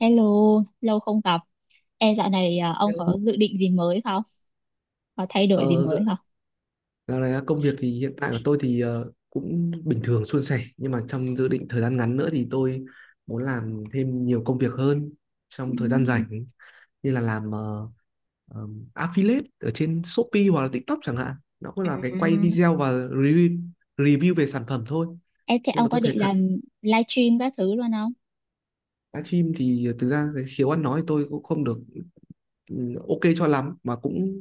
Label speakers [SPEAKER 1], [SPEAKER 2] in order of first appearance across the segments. [SPEAKER 1] Hello, lâu không gặp. Ê, dạo này ông có
[SPEAKER 2] Hello.
[SPEAKER 1] dự định gì mới không? Có thay đổi gì
[SPEAKER 2] Ờ, dạ-
[SPEAKER 1] mới không?
[SPEAKER 2] Dạo này công việc thì hiện tại của tôi thì cũng bình thường suôn sẻ, nhưng mà trong dự định thời gian ngắn nữa thì tôi muốn làm thêm nhiều công việc hơn
[SPEAKER 1] Ừ.
[SPEAKER 2] trong thời gian rảnh, như là làm ờ, affiliate ở trên Shopee hoặc là TikTok chẳng hạn. Nó cũng là cái quay
[SPEAKER 1] À,
[SPEAKER 2] video và review về sản phẩm thôi,
[SPEAKER 1] ê, thế
[SPEAKER 2] nhưng
[SPEAKER 1] ông
[SPEAKER 2] mà
[SPEAKER 1] có
[SPEAKER 2] tôi
[SPEAKER 1] định
[SPEAKER 2] thấy
[SPEAKER 1] làm livestream các thứ luôn không?
[SPEAKER 2] livestream thì thực ra cái khiếu ăn nói tôi cũng không được ok cho lắm, mà cũng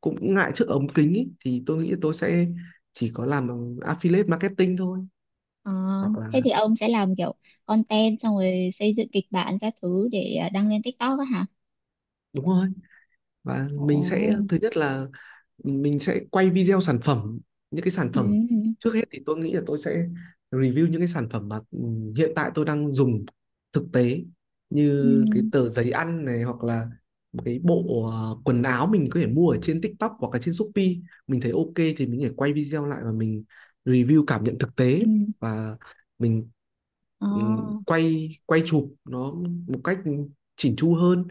[SPEAKER 2] cũng ngại trước ống kính ý, thì tôi nghĩ tôi sẽ chỉ có làm affiliate marketing thôi,
[SPEAKER 1] Ờ,
[SPEAKER 2] hoặc là
[SPEAKER 1] thế thì ông sẽ làm kiểu content xong rồi xây dựng kịch bản các thứ để đăng lên TikTok á hả?
[SPEAKER 2] đúng rồi. Và mình sẽ
[SPEAKER 1] Ồ,
[SPEAKER 2] thứ nhất là mình sẽ quay video sản phẩm, những cái sản
[SPEAKER 1] ừ,
[SPEAKER 2] phẩm. Trước hết thì tôi nghĩ là tôi sẽ review những cái sản phẩm mà hiện tại tôi đang dùng thực tế,
[SPEAKER 1] ừ,
[SPEAKER 2] như cái tờ giấy ăn này, hoặc là một cái bộ quần áo mình có thể mua ở trên TikTok hoặc là trên Shopee, mình thấy ok thì mình có thể quay video lại và mình review cảm nhận thực
[SPEAKER 1] ừ.
[SPEAKER 2] tế. Và mình
[SPEAKER 1] Ờ,
[SPEAKER 2] ừ, quay quay chụp nó một cách chỉn chu hơn,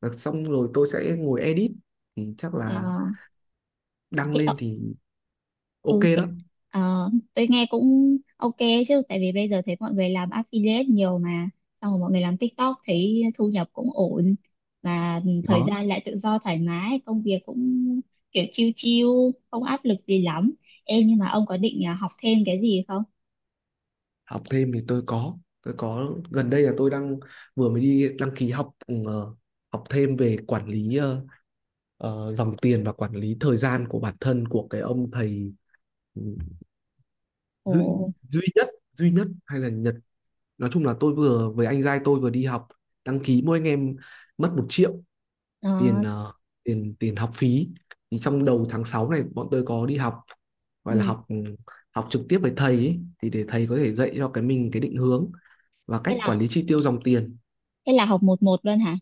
[SPEAKER 2] và xong rồi tôi sẽ ngồi edit, thì chắc là
[SPEAKER 1] à,
[SPEAKER 2] đăng
[SPEAKER 1] thế.
[SPEAKER 2] lên thì ok
[SPEAKER 1] Ừ, thế,
[SPEAKER 2] đó.
[SPEAKER 1] tôi nghe cũng ok chứ tại vì bây giờ thấy mọi người làm affiliate nhiều mà xong rồi mọi người làm TikTok thấy thu nhập cũng ổn, và thời
[SPEAKER 2] Đó,
[SPEAKER 1] gian lại tự do thoải mái, công việc cũng kiểu chill chill, không áp lực gì lắm. Em nhưng mà ông có định học thêm cái gì không?
[SPEAKER 2] học thêm thì tôi có gần đây là tôi đang vừa mới đi đăng ký học học thêm về quản lý dòng tiền và quản lý thời gian của bản thân, của cái ông thầy ừ, duy,
[SPEAKER 1] Ồ.
[SPEAKER 2] duy nhất hay là Nhật. Nói chung là tôi vừa với anh giai tôi vừa đi học đăng ký, mỗi anh em mất 1 triệu tiền
[SPEAKER 1] Ờ,
[SPEAKER 2] tiền tiền học phí. Thì trong đầu tháng 6 này bọn tôi có đi học, gọi là
[SPEAKER 1] ừ.
[SPEAKER 2] học học trực tiếp với thầy ấy, thì để thầy có thể dạy cho cái mình cái định hướng và
[SPEAKER 1] Thế
[SPEAKER 2] cách
[SPEAKER 1] là
[SPEAKER 2] quản lý chi tiêu dòng tiền.
[SPEAKER 1] thế là học một một luôn hả?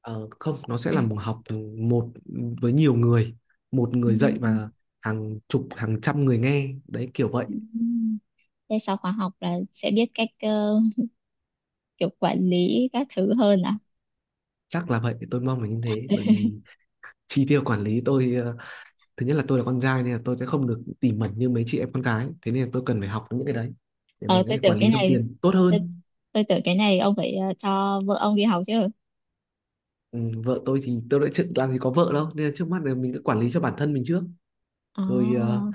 [SPEAKER 2] Ờ, Không, nó sẽ
[SPEAKER 1] À,
[SPEAKER 2] là một học một với nhiều người, một
[SPEAKER 1] ừ,
[SPEAKER 2] người dạy
[SPEAKER 1] ừ.
[SPEAKER 2] và hàng chục hàng trăm người nghe đấy, kiểu vậy.
[SPEAKER 1] Ừ. Thế sau khóa học là sẽ biết cách kiểu quản lý các thứ hơn à?
[SPEAKER 2] Chắc là vậy, tôi mong là như thế, bởi vì chi tiêu quản lý tôi thứ nhất là tôi là con trai nên là tôi sẽ không được tỉ mẩn như mấy chị em con gái, thế nên là tôi cần phải học những cái đấy để
[SPEAKER 1] ờ
[SPEAKER 2] mình có
[SPEAKER 1] tôi
[SPEAKER 2] thể
[SPEAKER 1] tưởng
[SPEAKER 2] quản
[SPEAKER 1] cái
[SPEAKER 2] lý dòng
[SPEAKER 1] này
[SPEAKER 2] tiền tốt
[SPEAKER 1] tôi,
[SPEAKER 2] hơn.
[SPEAKER 1] tôi tưởng cái này ông phải cho vợ ông đi học chứ.
[SPEAKER 2] ừ, Vợ tôi thì tôi đã chưa làm gì có vợ đâu, nên là trước mắt là mình cứ quản lý cho bản thân mình trước, rồi
[SPEAKER 1] À,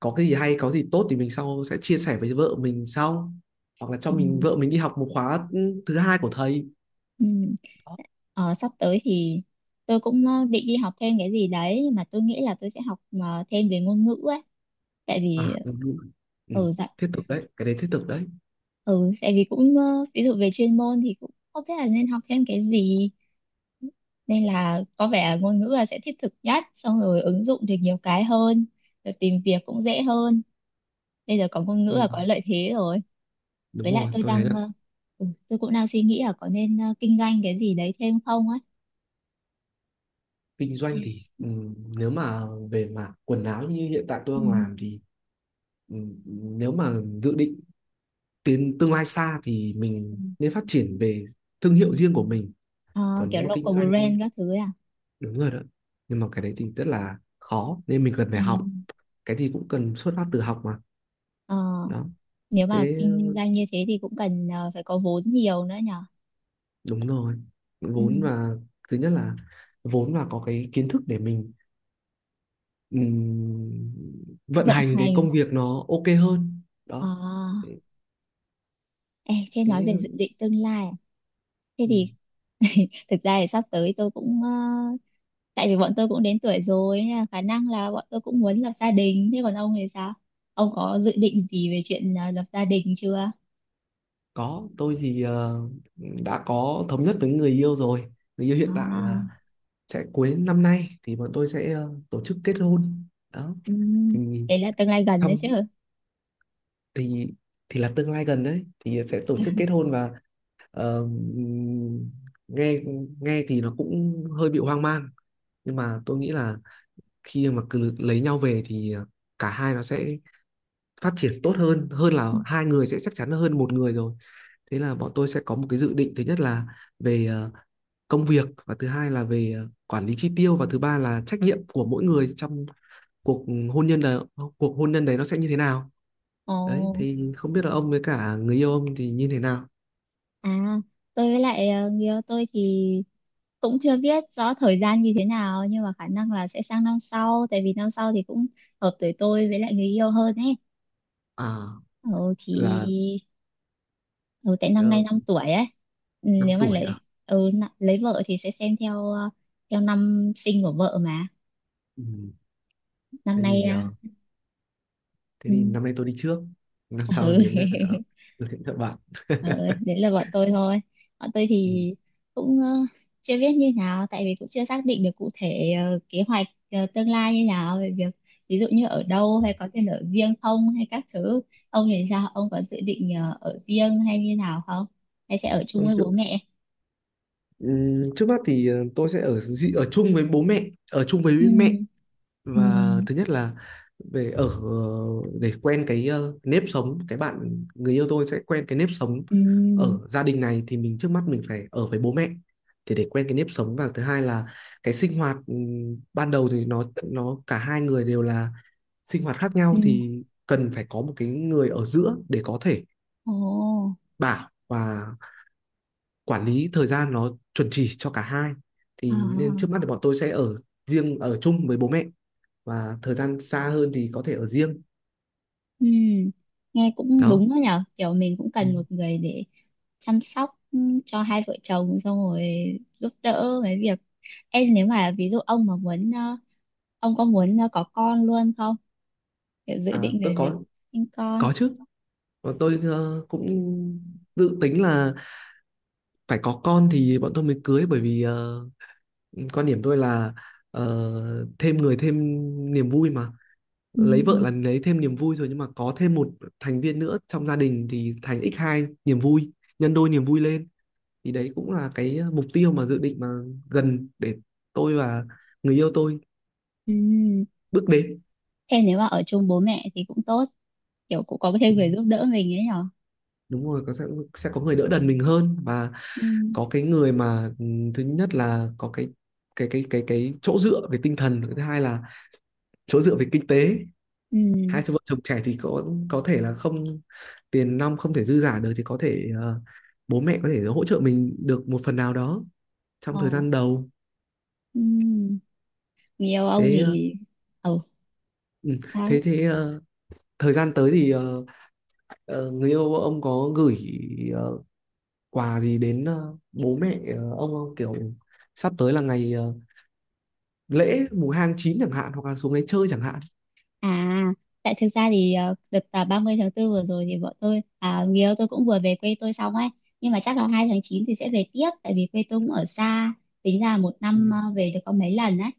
[SPEAKER 2] có cái gì hay có gì tốt thì mình sau sẽ chia sẻ với vợ mình sau, hoặc là cho
[SPEAKER 1] ừ,
[SPEAKER 2] mình vợ mình đi học một khóa thứ hai của thầy.
[SPEAKER 1] ừ.
[SPEAKER 2] Đó.
[SPEAKER 1] Ờ, sắp tới thì tôi cũng định đi học thêm cái gì đấy, nhưng mà tôi nghĩ là tôi sẽ học thêm về ngôn ngữ ấy. Tại vì
[SPEAKER 2] À, đúng rồi. Ừ.
[SPEAKER 1] ừ, dạ,
[SPEAKER 2] Thiết thực đấy, cái đấy thiết thực đấy.
[SPEAKER 1] ừ, tại vì cũng ví dụ về chuyên môn thì cũng không biết là nên học thêm cái gì, nên là có vẻ ngôn ngữ là sẽ thiết thực nhất, xong rồi ứng dụng được nhiều cái hơn, rồi tìm việc cũng dễ hơn. Bây giờ có ngôn ngữ
[SPEAKER 2] Ừ.
[SPEAKER 1] là có lợi thế rồi.
[SPEAKER 2] Đúng
[SPEAKER 1] Với lại
[SPEAKER 2] rồi,
[SPEAKER 1] tôi
[SPEAKER 2] tôi thấy là
[SPEAKER 1] đang ừ, tôi cũng đang suy nghĩ là có nên kinh doanh cái gì đấy thêm không ấy.
[SPEAKER 2] kinh doanh thì nếu mà về mặt quần áo như hiện tại
[SPEAKER 1] Ừ.
[SPEAKER 2] tôi đang làm thì, nếu mà dự định tiến tương lai xa thì
[SPEAKER 1] Ừ.
[SPEAKER 2] mình nên phát triển về thương hiệu riêng của mình,
[SPEAKER 1] Ờ,
[SPEAKER 2] còn nếu
[SPEAKER 1] kiểu
[SPEAKER 2] mà kinh
[SPEAKER 1] local
[SPEAKER 2] doanh
[SPEAKER 1] brand các thứ ấy à?
[SPEAKER 2] đúng rồi đó. Nhưng mà cái đấy thì rất là khó nên mình cần phải
[SPEAKER 1] Ừ.
[SPEAKER 2] học, cái gì cũng cần xuất phát từ học mà.
[SPEAKER 1] Ờ,
[SPEAKER 2] Đó.
[SPEAKER 1] nếu mà
[SPEAKER 2] Thế,
[SPEAKER 1] kinh doanh như thế thì cũng cần phải có vốn nhiều nữa nhở.
[SPEAKER 2] đúng rồi,
[SPEAKER 1] Ừ.
[SPEAKER 2] vốn và thứ nhất là vốn và có cái kiến thức để mình ừm, vận
[SPEAKER 1] Vận
[SPEAKER 2] hành cái
[SPEAKER 1] hành.
[SPEAKER 2] công việc nó ok hơn đó.
[SPEAKER 1] À,
[SPEAKER 2] thế,
[SPEAKER 1] ê, thế nói về dự
[SPEAKER 2] thế
[SPEAKER 1] định tương lai à? Thế
[SPEAKER 2] Ừ.
[SPEAKER 1] thì thực ra thì sắp tới tôi cũng tại vì bọn tôi cũng đến tuổi rồi, nên là khả năng là bọn tôi cũng muốn lập gia đình, thế còn ông thì sao? Ông có dự định gì về chuyện lập gia đình chưa?
[SPEAKER 2] Có, tôi thì đã có thống nhất với người yêu rồi, người yêu hiện tại
[SPEAKER 1] À,
[SPEAKER 2] là sẽ cuối năm nay thì bọn tôi sẽ tổ chức kết hôn đó.
[SPEAKER 1] ừm.
[SPEAKER 2] Thì
[SPEAKER 1] Đấy là tương lai gần đấy chứ.
[SPEAKER 2] xong thì thì là tương lai gần đấy thì sẽ tổ chức kết hôn và ờ, nghe nghe thì nó cũng hơi bị hoang mang, nhưng mà tôi nghĩ là khi mà cứ lấy nhau về thì cả hai nó sẽ phát triển tốt hơn, hơn là hai người sẽ chắc chắn hơn một người rồi. Thế là bọn tôi sẽ có một cái dự định, thứ nhất là về công việc, và thứ hai là về quản lý chi tiêu, và thứ ba là trách nhiệm của mỗi người trong cuộc hôn nhân, là cuộc hôn nhân đấy nó sẽ như thế nào. Đấy,
[SPEAKER 1] Ồ,
[SPEAKER 2] thì không biết là ông với cả người yêu ông thì như thế nào.
[SPEAKER 1] à, tôi với lại người yêu tôi thì cũng chưa biết rõ thời gian như thế nào, nhưng mà khả năng là sẽ sang năm sau, tại vì năm sau thì cũng hợp tuổi tôi với lại người yêu hơn ấy.
[SPEAKER 2] À,
[SPEAKER 1] Ừ thì
[SPEAKER 2] là
[SPEAKER 1] ừ, tại năm
[SPEAKER 2] uh,
[SPEAKER 1] nay 5 tuổi ấy. Ừ,
[SPEAKER 2] 5
[SPEAKER 1] nếu mà
[SPEAKER 2] tuổi
[SPEAKER 1] lấy
[SPEAKER 2] à?
[SPEAKER 1] lấy vợ thì sẽ xem theo theo năm sinh của vợ mà.
[SPEAKER 2] Ừ.
[SPEAKER 1] Năm
[SPEAKER 2] Thế
[SPEAKER 1] nay
[SPEAKER 2] thì
[SPEAKER 1] à,
[SPEAKER 2] thế
[SPEAKER 1] ừ.
[SPEAKER 2] thì năm nay tôi đi trước, năm sau
[SPEAKER 1] Ừ.
[SPEAKER 2] đến lượt các bạn.
[SPEAKER 1] Ờ, đấy là bọn tôi thôi. Bọn tôi
[SPEAKER 2] Ừ.
[SPEAKER 1] thì cũng chưa biết như nào, tại vì cũng chưa xác định được cụ thể kế hoạch tương lai như nào, về việc ví dụ như ở đâu, hay có tiền ở riêng không, hay các thứ. Ông thì sao? Ông có dự định ở riêng hay như nào không? Hay sẽ ở chung
[SPEAKER 2] Thôi
[SPEAKER 1] với bố
[SPEAKER 2] chứ-
[SPEAKER 1] mẹ?
[SPEAKER 2] ừ, Trước mắt thì tôi sẽ ở ở chung với bố mẹ, ở chung với
[SPEAKER 1] Ừ,
[SPEAKER 2] mẹ.
[SPEAKER 1] ừ,
[SPEAKER 2] Và thứ nhất là về ở, để quen cái nếp sống, cái bạn người yêu tôi sẽ quen cái nếp sống
[SPEAKER 1] ừ,
[SPEAKER 2] ở gia đình này, thì mình trước mắt mình phải ở với bố mẹ, thì để quen cái nếp sống. Và thứ hai là cái sinh hoạt ban đầu thì nó cả hai người đều là sinh hoạt khác nhau,
[SPEAKER 1] ừ.
[SPEAKER 2] thì cần phải có một cái người ở giữa để có thể
[SPEAKER 1] Ồ,
[SPEAKER 2] bảo và quản lý thời gian nó chuẩn chỉ cho cả hai,
[SPEAKER 1] à,
[SPEAKER 2] thì nên trước mắt thì bọn tôi sẽ ở riêng, ở chung với bố mẹ, và thời gian xa hơn thì có thể ở riêng.
[SPEAKER 1] ừ. Nghe cũng
[SPEAKER 2] Đó.
[SPEAKER 1] đúng đó nhở, kiểu mình cũng
[SPEAKER 2] Ừ.
[SPEAKER 1] cần một người để chăm sóc cho hai vợ chồng, xong rồi giúp đỡ mấy việc. Em nếu mà ví dụ ông mà muốn ông có muốn có con luôn không, kiểu dự
[SPEAKER 2] À,
[SPEAKER 1] định
[SPEAKER 2] tôi
[SPEAKER 1] về việc
[SPEAKER 2] có
[SPEAKER 1] sinh con.
[SPEAKER 2] có chứ. Bọn tôi cũng dự tính là phải có con thì bọn tôi mới cưới, bởi vì quan điểm tôi là thêm người thêm niềm vui mà.
[SPEAKER 1] Ừ.
[SPEAKER 2] Lấy vợ là lấy thêm niềm vui rồi, nhưng mà có thêm một thành viên nữa trong gia đình thì thành x hai niềm vui, nhân đôi niềm vui lên. Thì đấy cũng là cái mục tiêu mà dự định mà gần để tôi và người yêu tôi
[SPEAKER 1] Ừ.
[SPEAKER 2] bước đến.
[SPEAKER 1] Thế nếu mà ở chung bố mẹ thì cũng tốt, kiểu cũng có thêm
[SPEAKER 2] Ừ,
[SPEAKER 1] người giúp đỡ mình ấy nhở.
[SPEAKER 2] đúng rồi, có, sẽ có người đỡ đần mình hơn, và
[SPEAKER 1] Ừ.
[SPEAKER 2] có cái người mà thứ nhất là có cái chỗ dựa về tinh thần, thứ hai là chỗ dựa về kinh tế.
[SPEAKER 1] Ừ.
[SPEAKER 2] Hai vợ chồng trẻ thì có thể là không, tiền nong không thể dư giả được, thì có thể bố mẹ có thể hỗ trợ mình được một phần nào đó trong thời
[SPEAKER 1] Ờ.
[SPEAKER 2] gian đầu.
[SPEAKER 1] Ừ. Nhiều ông
[SPEAKER 2] Thế ờ,
[SPEAKER 1] thì ừ.
[SPEAKER 2] ừ, thế
[SPEAKER 1] Sao?
[SPEAKER 2] thế ờ, Thời gian tới thì người yêu ông có gửi ờ, quà gì đến bố mẹ ông không, kiểu sắp tới là ngày lễ mùng 2 tháng 9 chẳng hạn, hoặc là xuống đấy chơi chẳng hạn.
[SPEAKER 1] À, tại thực ra thì đợt 30 tháng 4 vừa rồi thì người yêu tôi cũng vừa về quê tôi xong ấy. Nhưng mà chắc là 2 tháng 9 thì sẽ về tiếp, tại vì quê tôi cũng ở xa, tính là một
[SPEAKER 2] Ừ.
[SPEAKER 1] năm về được có mấy lần ấy.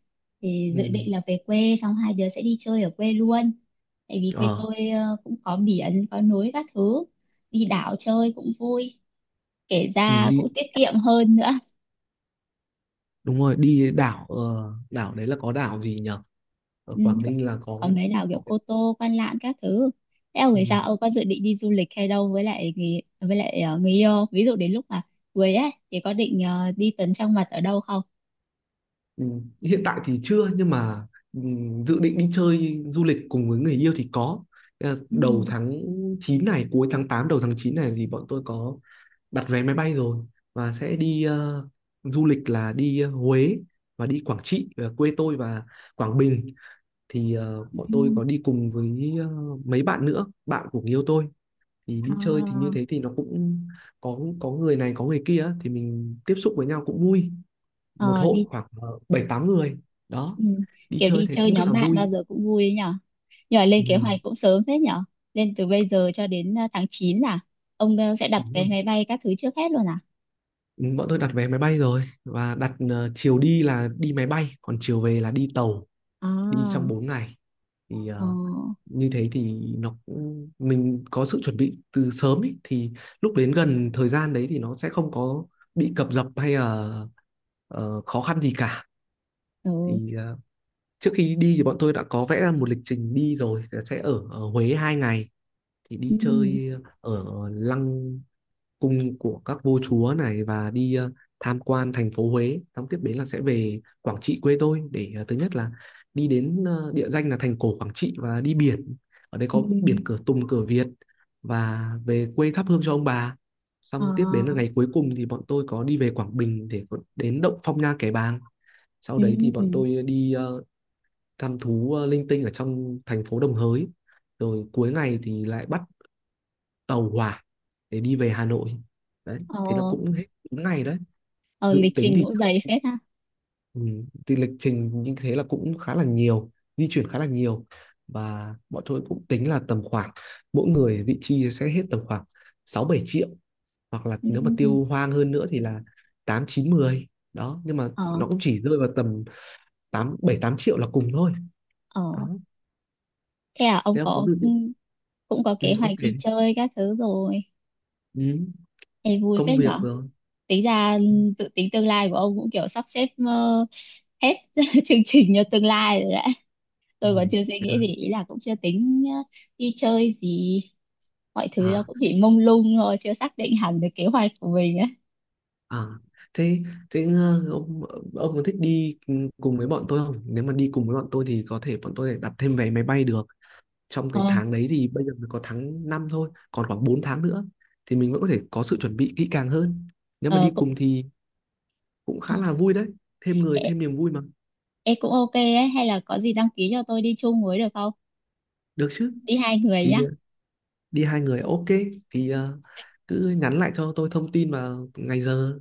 [SPEAKER 1] Thì dự
[SPEAKER 2] Ừ.
[SPEAKER 1] định là về quê xong hai đứa sẽ đi chơi ở quê luôn, tại vì quê
[SPEAKER 2] Ờ,
[SPEAKER 1] tôi cũng có biển có núi các thứ, đi đảo chơi cũng vui, kể
[SPEAKER 2] ừ,
[SPEAKER 1] ra
[SPEAKER 2] đi
[SPEAKER 1] cũng tiết kiệm hơn nữa.
[SPEAKER 2] đúng rồi, đi đảo đấy là có đảo gì nhở, ở
[SPEAKER 1] Ừ,
[SPEAKER 2] Quảng Ninh là
[SPEAKER 1] còn mấy đảo kiểu
[SPEAKER 2] có cái-.
[SPEAKER 1] Cô Tô, Quan Lạn các thứ. Thế ông
[SPEAKER 2] Ừ.
[SPEAKER 1] thì sao? Ông có dự định đi du lịch hay đâu với lại người yêu? Ví dụ đến lúc mà cưới ấy thì có định đi tấn trong mật ở đâu không?
[SPEAKER 2] Ừ, hiện tại thì chưa, nhưng mà ừ, dự định đi chơi du lịch cùng với người yêu thì có. Ờ,
[SPEAKER 1] Ừ,
[SPEAKER 2] đầu tháng 9 này, cuối tháng 8 đầu tháng 9 này thì bọn tôi có đặt vé máy bay rồi, và sẽ đi du lịch là đi Huế và đi Quảng Trị quê tôi, và Quảng Bình. Thì bọn tôi
[SPEAKER 1] ừ,
[SPEAKER 2] có đi cùng với mấy bạn nữa, bạn của người yêu tôi, thì
[SPEAKER 1] ờ,
[SPEAKER 2] đi chơi thì như thế thì nó cũng có người này có người kia á, thì mình tiếp xúc với nhau cũng vui. Một
[SPEAKER 1] ờ,
[SPEAKER 2] hội
[SPEAKER 1] đi
[SPEAKER 2] khoảng bảy tám người đó,
[SPEAKER 1] ừ,
[SPEAKER 2] đi
[SPEAKER 1] kiểu
[SPEAKER 2] chơi
[SPEAKER 1] đi
[SPEAKER 2] thấy
[SPEAKER 1] chơi
[SPEAKER 2] cũng rất
[SPEAKER 1] nhóm
[SPEAKER 2] là
[SPEAKER 1] bạn bao
[SPEAKER 2] vui.
[SPEAKER 1] giờ cũng vui ấy nhở. Nhưng
[SPEAKER 2] Ừ.
[SPEAKER 1] lên kế hoạch cũng sớm phết nhở. Lên từ bây giờ cho đến tháng 9 là ông sẽ đặt
[SPEAKER 2] Đúng
[SPEAKER 1] vé
[SPEAKER 2] rồi.
[SPEAKER 1] máy bay các thứ trước hết luôn à?
[SPEAKER 2] Ừ, bọn tôi đặt vé máy bay rồi, và đặt chiều đi là đi máy bay còn chiều về là đi tàu, đi
[SPEAKER 1] À,
[SPEAKER 2] trong 4 ngày. Thì
[SPEAKER 1] ờ,
[SPEAKER 2] như thế thì nó cũng- mình có sự chuẩn bị từ sớm ý, thì lúc đến gần thời gian đấy thì nó sẽ không có bị cập dập hay là khó khăn gì cả.
[SPEAKER 1] ừ,
[SPEAKER 2] Thì trước khi đi thì bọn tôi đã có vẽ ra một lịch trình đi rồi, sẽ ở Huế 2 ngày thì
[SPEAKER 1] ừ,
[SPEAKER 2] đi chơi ở lăng cung của các vua chúa này, và đi tham quan thành phố Huế, xong tiếp đến là sẽ về Quảng Trị quê tôi để thứ nhất là đi đến địa danh là thành cổ Quảng Trị và đi biển, ở đây
[SPEAKER 1] ừ,
[SPEAKER 2] có biển cửa Tùng cửa Việt, và về quê thắp hương cho ông bà.
[SPEAKER 1] ờ,
[SPEAKER 2] Xong tiếp đến là ngày cuối cùng thì bọn tôi có đi về Quảng Bình để đến động Phong Nha Kẻ Bàng, sau đấy thì bọn
[SPEAKER 1] ừ.
[SPEAKER 2] tôi đi thăm thú linh tinh ở trong thành phố Đồng Hới, rồi cuối ngày thì lại bắt tàu hỏa để đi về Hà Nội. Đấy, thế là
[SPEAKER 1] Ờ,
[SPEAKER 2] cũng hết đúng ngày đấy.
[SPEAKER 1] ờ,
[SPEAKER 2] Dự
[SPEAKER 1] lịch
[SPEAKER 2] tính
[SPEAKER 1] trình
[SPEAKER 2] thì
[SPEAKER 1] cũng dày
[SPEAKER 2] chắc-
[SPEAKER 1] phết ha.
[SPEAKER 2] ừ, thì lịch trình như thế là cũng khá là nhiều, di chuyển khá là nhiều, và bọn tôi cũng tính là tầm khoảng mỗi người vị chi sẽ hết tầm khoảng 6 7 triệu, hoặc là
[SPEAKER 1] Ừ.
[SPEAKER 2] nếu mà tiêu hoang hơn nữa thì là 8 9 mười. Đó, nhưng mà
[SPEAKER 1] Ờ,
[SPEAKER 2] nó cũng chỉ rơi vào tầm 8 7 8 triệu là cùng thôi.
[SPEAKER 1] ờ.
[SPEAKER 2] Đó.
[SPEAKER 1] Thế à, ông
[SPEAKER 2] Thế ông có
[SPEAKER 1] có
[SPEAKER 2] dự định
[SPEAKER 1] cũng có
[SPEAKER 2] ừ,
[SPEAKER 1] kế hoạch
[SPEAKER 2] ông kể
[SPEAKER 1] đi
[SPEAKER 2] đi.
[SPEAKER 1] chơi các thứ rồi.
[SPEAKER 2] Ừ,
[SPEAKER 1] Ê, vui
[SPEAKER 2] công
[SPEAKER 1] phết
[SPEAKER 2] việc
[SPEAKER 1] nhở.
[SPEAKER 2] rồi.
[SPEAKER 1] Tính ra tự tính tương lai của ông cũng kiểu sắp xếp hết chương trình cho tương lai rồi đấy.
[SPEAKER 2] Ừ.
[SPEAKER 1] Tôi còn chưa suy
[SPEAKER 2] Ừ.
[SPEAKER 1] nghĩ gì, ý là cũng chưa tính đi chơi gì. Mọi thứ nó
[SPEAKER 2] À.
[SPEAKER 1] cũng chỉ mông lung thôi, chưa xác định hẳn được kế hoạch của mình ấy.
[SPEAKER 2] À, thế thế ờ, ông có thích đi cùng với bọn tôi không? Nếu mà đi cùng với bọn tôi thì có thể bọn tôi đặt thêm vé máy bay được. Trong
[SPEAKER 1] Ờ,
[SPEAKER 2] cái tháng đấy thì bây giờ mới có tháng 5 thôi, còn khoảng 4 tháng nữa thì mình vẫn có thể có sự chuẩn bị kỹ càng hơn. Nếu mà
[SPEAKER 1] ờ,
[SPEAKER 2] đi
[SPEAKER 1] cũng,
[SPEAKER 2] cùng thì cũng
[SPEAKER 1] à,
[SPEAKER 2] khá là vui đấy, thêm người
[SPEAKER 1] ê,
[SPEAKER 2] thêm niềm vui mà.
[SPEAKER 1] ê, cũng ok ấy. Hay là có gì đăng ký cho tôi đi chung với được không?
[SPEAKER 2] Được chứ?
[SPEAKER 1] Đi hai người
[SPEAKER 2] Thì
[SPEAKER 1] nhá.
[SPEAKER 2] đi hai người ok, thì cứ nhắn lại cho tôi thông tin và ngày giờ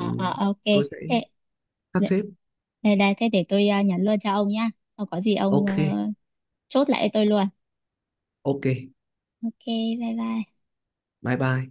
[SPEAKER 2] thì
[SPEAKER 1] à, ok,
[SPEAKER 2] tôi sẽ
[SPEAKER 1] thế
[SPEAKER 2] sắp
[SPEAKER 1] đây,
[SPEAKER 2] xếp.
[SPEAKER 1] đây đây, thế để tôi nhắn luôn cho ông nhá, không có gì ông
[SPEAKER 2] Ok,
[SPEAKER 1] chốt lại cho tôi luôn.
[SPEAKER 2] ok.
[SPEAKER 1] Ok, bye bye.
[SPEAKER 2] Bye bye.